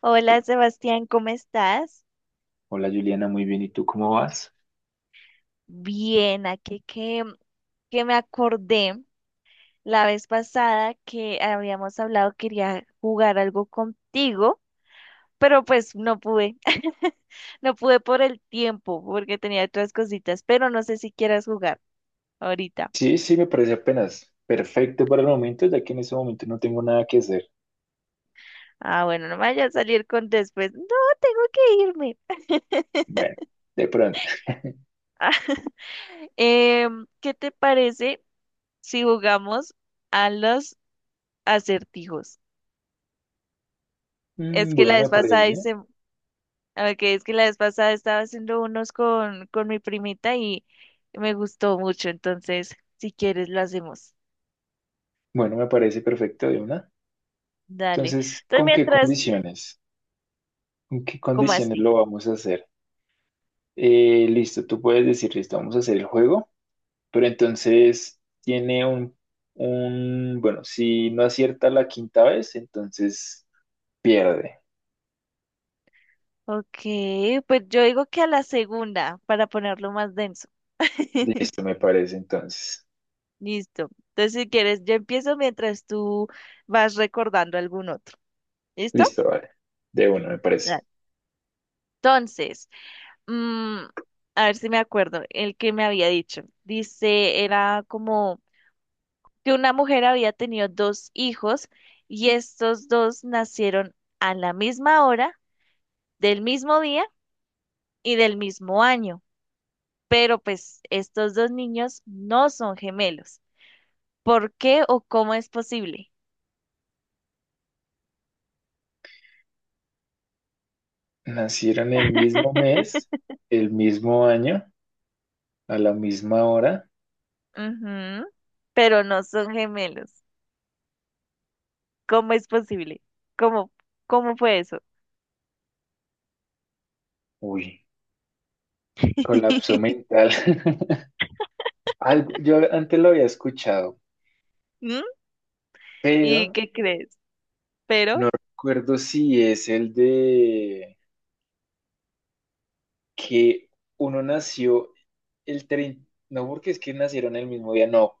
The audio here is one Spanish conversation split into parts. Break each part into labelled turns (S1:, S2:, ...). S1: Hola Sebastián, ¿cómo estás?
S2: Hola Juliana, muy bien. ¿Y tú cómo vas?
S1: Bien, aquí que me acordé la vez pasada que habíamos hablado, quería jugar algo contigo, pero pues no pude, no pude por el tiempo porque tenía otras cositas, pero no sé si quieras jugar ahorita.
S2: Sí, sí, me parece apenas perfecto para el momento, ya que en ese momento no tengo nada que hacer.
S1: Ah, bueno, no me vaya a salir con después. No, tengo que irme.
S2: Bueno, de pronto.
S1: ¿Qué te parece si jugamos a los acertijos? Es que
S2: Bueno,
S1: la
S2: me
S1: vez pasada
S2: parece.
S1: a ver, que es que la vez pasada estaba haciendo unos con mi primita y me gustó mucho. Entonces, si quieres, lo hacemos.
S2: Bueno, me parece perfecto de una.
S1: Dale.
S2: Entonces,
S1: Entonces,
S2: ¿con qué
S1: mientras,
S2: condiciones? ¿Con qué
S1: ¿cómo
S2: condiciones
S1: así?
S2: lo vamos a hacer? Listo, tú puedes decir, listo, vamos a hacer el juego, pero entonces tiene bueno, si no acierta la quinta vez, entonces pierde.
S1: Ok, pues yo digo que a la segunda, para ponerlo más denso.
S2: Listo, me parece entonces.
S1: Listo. Entonces, si quieres, yo empiezo mientras tú vas recordando algún otro. ¿Listo?
S2: Listo, vale. De uno, me parece.
S1: Dale. Entonces, mm, a ver si me acuerdo, el que me había dicho. Dice, era como que una mujer había tenido dos hijos y estos dos nacieron a la misma hora, del mismo día y del mismo año. Pero pues estos dos niños no son gemelos. ¿Por qué o cómo es posible?
S2: Nacieron el mismo mes, el mismo año, a la misma hora.
S1: Ujú, pero no son gemelos. ¿Cómo es posible? ¿Cómo, cómo fue eso?
S2: Uy, colapso mental. Algo, yo antes lo había escuchado,
S1: ¿Mm? ¿Y
S2: pero
S1: qué crees? Pero,
S2: no recuerdo si es el de que uno nació el 30, no porque es que nacieron el mismo día, no.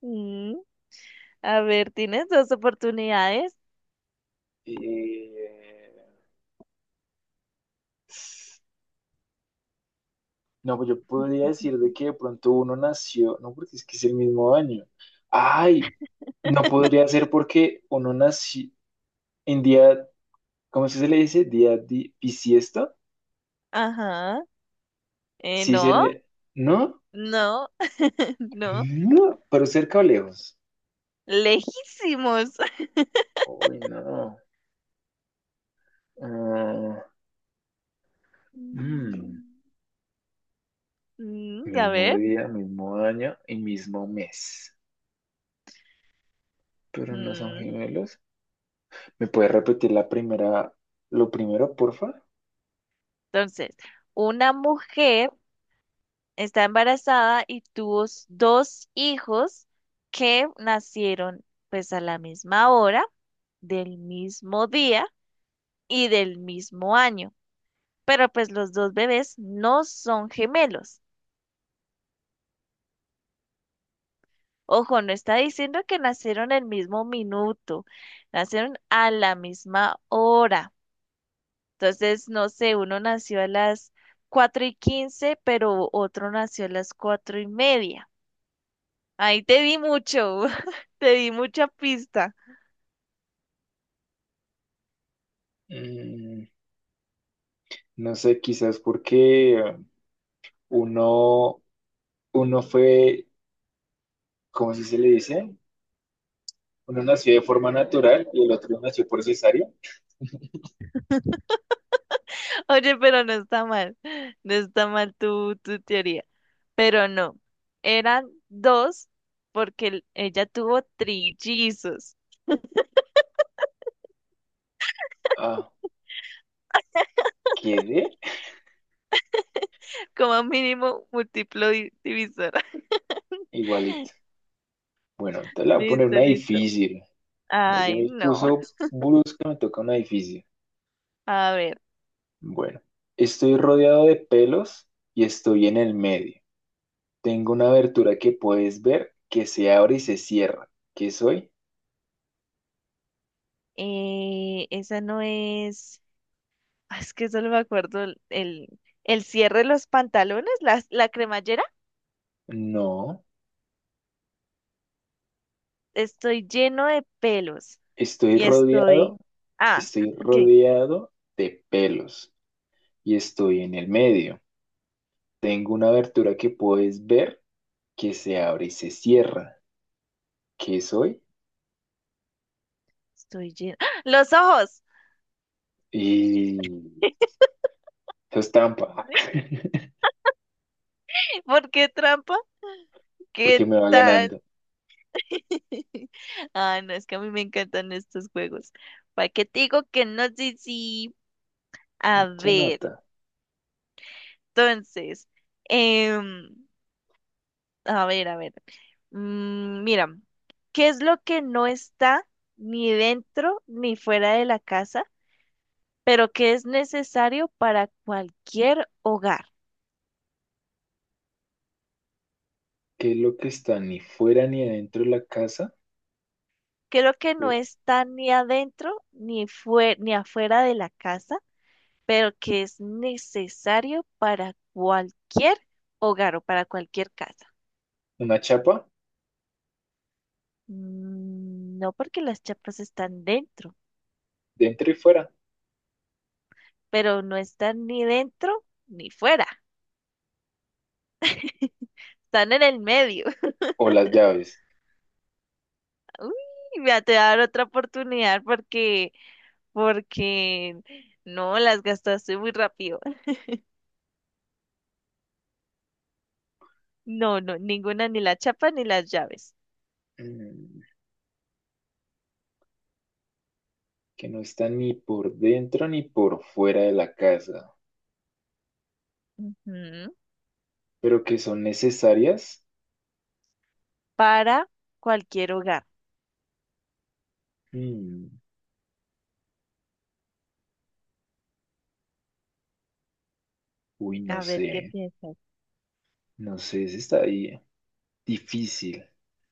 S1: mm, a ver, tienes dos oportunidades.
S2: Eh, No, pues yo podría decir de que de pronto uno nació, no, porque es que es el mismo año. Ay, no podría ser porque uno nació en día, ¿cómo es que se le dice? Bisiesto.
S1: Ajá.
S2: Sí
S1: No,
S2: sería, ¿no?
S1: no, no.
S2: No, pero cerca o lejos.
S1: Lejísimos.
S2: Uy, no. Ah, mm,
S1: Mm, a
S2: Mismo
S1: ver.
S2: día, mismo año y mismo mes. Pero no son
S1: Mm,
S2: gemelos. ¿Me puedes repetir la primera, lo primero, porfa?
S1: Entonces, una mujer está embarazada y tuvo dos hijos que nacieron pues a la misma hora, del mismo día y del mismo año. Pero pues los dos bebés no son gemelos. Ojo, no está diciendo que nacieron el mismo minuto, nacieron a la misma hora. Entonces, no sé, uno nació a las 4 y 15, pero otro nació a las 4 y media. Ahí te di mucho, te di mucha pista.
S2: Mm, No sé, quizás porque uno, uno fue, ¿cómo se le dice? Uno nació de forma natural y el otro nació por cesárea.
S1: Oye, pero no está mal, no está mal tu teoría. Pero no, eran dos porque ella tuvo trillizos,
S2: Ah, quedé
S1: como mínimo múltiplo divisor.
S2: igualito. Bueno, te la voy a poner una
S1: Listo, listo.
S2: difícil. Se
S1: Ay,
S2: me
S1: no.
S2: puso brusca, me toca una difícil.
S1: A ver,
S2: Bueno, estoy rodeado de pelos y estoy en el medio. Tengo una abertura que puedes ver que se abre y se cierra. ¿Qué soy?
S1: esa no es... Ah, es que solo me acuerdo el cierre de los pantalones, la cremallera.
S2: No,
S1: Estoy lleno de pelos.
S2: estoy
S1: Y
S2: rodeado
S1: estoy. Ah,
S2: Estoy
S1: ok.
S2: rodeado de pelos y estoy en el medio. Tengo una abertura que puedes ver que se abre y se cierra. ¿Qué soy?
S1: Estoy lleno. ¡Ah! ¡Los ojos!
S2: Y eso es trampa,
S1: ¿Por qué trampa?
S2: porque
S1: ¿Qué
S2: me va
S1: tal?
S2: ganando.
S1: Ah, no, es que a mí me encantan estos juegos. ¿Para qué te digo que no sé si... A
S2: Mucha
S1: ver,
S2: nota.
S1: entonces. em, a ver, a ver. Mm, mira, ¿qué es lo que no está ni dentro ni fuera de la casa, pero que es necesario para cualquier hogar?
S2: ¿Qué es lo que está ni fuera ni adentro de la casa?
S1: ¿Qué es lo que no está ni adentro ni ni afuera de la casa, pero que es necesario para cualquier hogar o para cualquier casa?
S2: Una chapa,
S1: Mm, no porque las chapas están dentro,
S2: dentro y fuera.
S1: pero no están ni dentro ni fuera, están en el medio.
S2: O las llaves.
S1: Uy, voy a te dar otra oportunidad porque, porque no las gastaste muy rápido. No, no, ninguna, ni la chapa ni las llaves.
S2: Mm, Que no están ni por dentro ni por fuera de la casa,
S1: Ujú.
S2: pero que son necesarias.
S1: Para cualquier hogar.
S2: Mm, Uy, no
S1: A ver,
S2: sé.
S1: ¿qué piensas?
S2: No sé si está ahí difícil,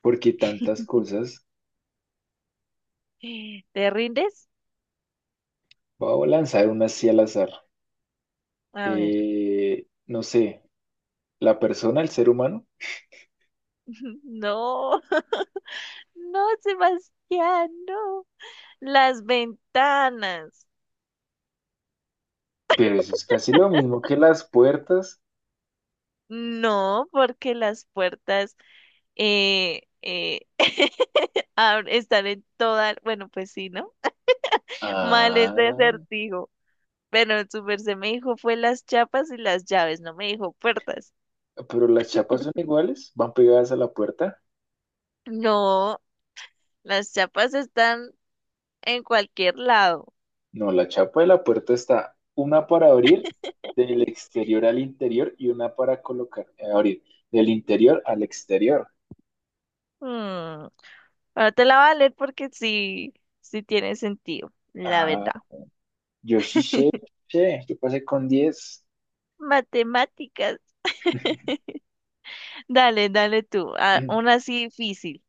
S2: porque tantas cosas.
S1: ¿Te rindes?
S2: Voy a lanzar una así al azar.
S1: A ver.
S2: No sé, la persona, el ser humano,
S1: No, no, Sebastián, no. Las ventanas.
S2: pero eso es casi lo mismo que las puertas.
S1: No, porque las puertas eh, eh, están en toda, bueno, pues sí, ¿no? Mal ese
S2: Ah,
S1: acertijo. Bueno, su merced me dijo fue las chapas y las llaves, no me dijo puertas.
S2: pero las chapas son iguales, van pegadas a la puerta.
S1: No, las chapas están en cualquier lado.
S2: No, la chapa de la puerta está una para abrir del exterior al interior y una para colocar, abrir del interior al exterior.
S1: Hmm, ahora te la voy a leer porque sí, sí tiene sentido, la
S2: Ah,
S1: verdad.
S2: yo sí sé, yo pasé con diez.
S1: Matemáticas. Dale, dale tú. Ah, una así difícil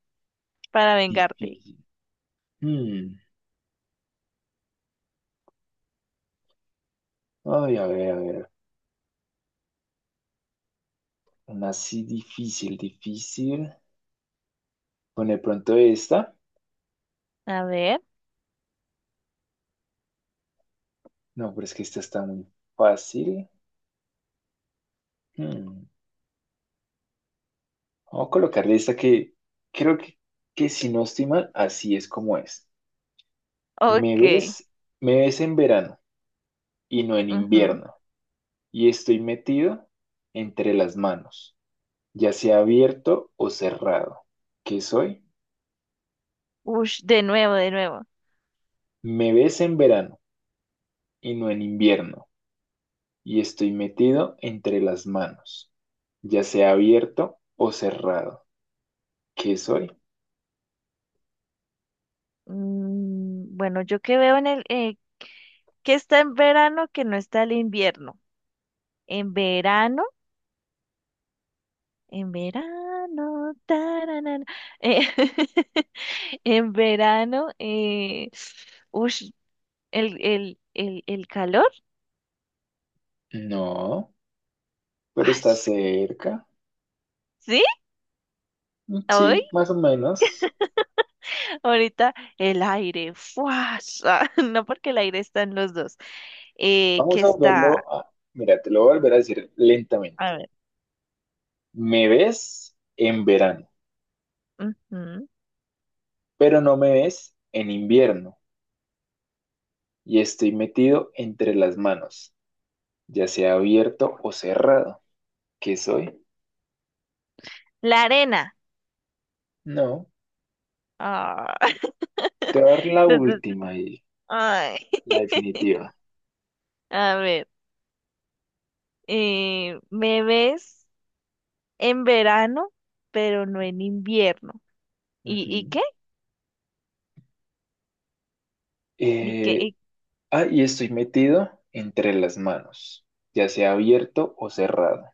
S1: para vengarte.
S2: Difícil. Hmm. Ay, a ver, a ver. Una así difícil, difícil. Con de pronto esta.
S1: A ver.
S2: No, pero es que esta está muy fácil. Hmm. Vamos a colocarle esta que creo que si no estoy mal, así es como es. Me ves,
S1: Ok.
S2: Me ves en verano y no en
S1: Ujú.
S2: invierno. Y estoy metido entre las manos, ya sea abierto o cerrado. ¿Qué soy?
S1: Ush, de nuevo, de nuevo.
S2: Me ves en verano y no en invierno y estoy metido entre las manos, ya sea abierto o cerrado. ¿Qué soy?
S1: Mm, bueno, yo que veo en que está en verano que no está el invierno. En verano, en verano, tararara, eh, en verano, ush, el calor,
S2: No, pero
S1: ay,
S2: está cerca.
S1: ¿sí? Hoy,
S2: Sí, más o menos.
S1: ahorita, el aire, fuas, ah, no porque el aire está en los dos, que
S2: Vamos a
S1: está,
S2: verlo a… Mira, te lo voy a volver a decir lentamente.
S1: a ver,
S2: Me ves en verano,
S1: ujú,
S2: pero no me ves en invierno y estoy metido entre las manos, ya sea abierto o cerrado. ¿Qué soy?
S1: la arena.
S2: No,
S1: Ah,
S2: te voy a dar la
S1: entonces,
S2: última y
S1: ay,
S2: la definitiva.
S1: a ver. Eh, me ves en verano, pero no en invierno. Y
S2: Ujú.
S1: qué? ¿Y qué?
S2: Eh,
S1: ¿Y...
S2: Y estoy metido entre las manos, ya sea abierto o cerrado.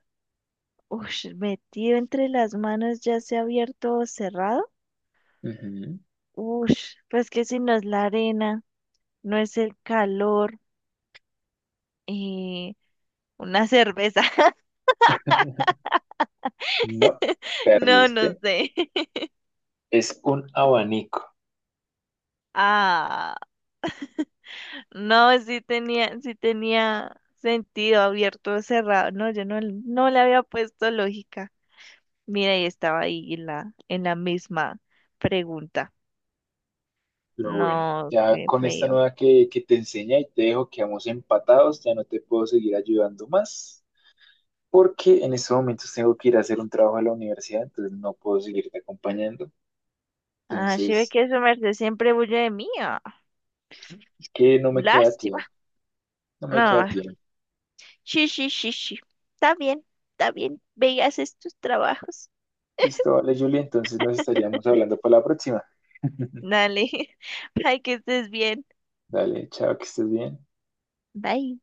S1: ush, metido entre las manos, ya sea abierto o cerrado.
S2: Ujú.
S1: Ush, pues que si no es la arena, no es el calor, eh, una cerveza.
S2: No,
S1: No, no
S2: perdiste.
S1: sé.
S2: Es un abanico,
S1: Ah, no, sí tenía sentido abierto o cerrado. No, yo no, no le había puesto lógica. Mira, y estaba ahí en en la misma pregunta.
S2: pero bueno,
S1: No,
S2: ya
S1: qué
S2: con esta
S1: feo.
S2: nueva que te enseña y te dejo, quedamos empatados, ya no te puedo seguir ayudando más, porque en estos momentos tengo que ir a hacer un trabajo a la universidad, entonces no puedo seguirte acompañando.
S1: Ah, sí ve
S2: Entonces,
S1: que su merced siempre huye de mí. Ah,
S2: es que no me queda
S1: lástima.
S2: tiempo, no me queda
S1: No,
S2: tiempo.
S1: sí, sí, sí, sí. Está bien, está bien. Ve y haces tus trabajos.
S2: Listo, vale, Julia, entonces nos estaríamos hablando para la próxima.
S1: Dale. Ay, que estés bien.
S2: Dale, chao, que estés bien.
S1: Bye.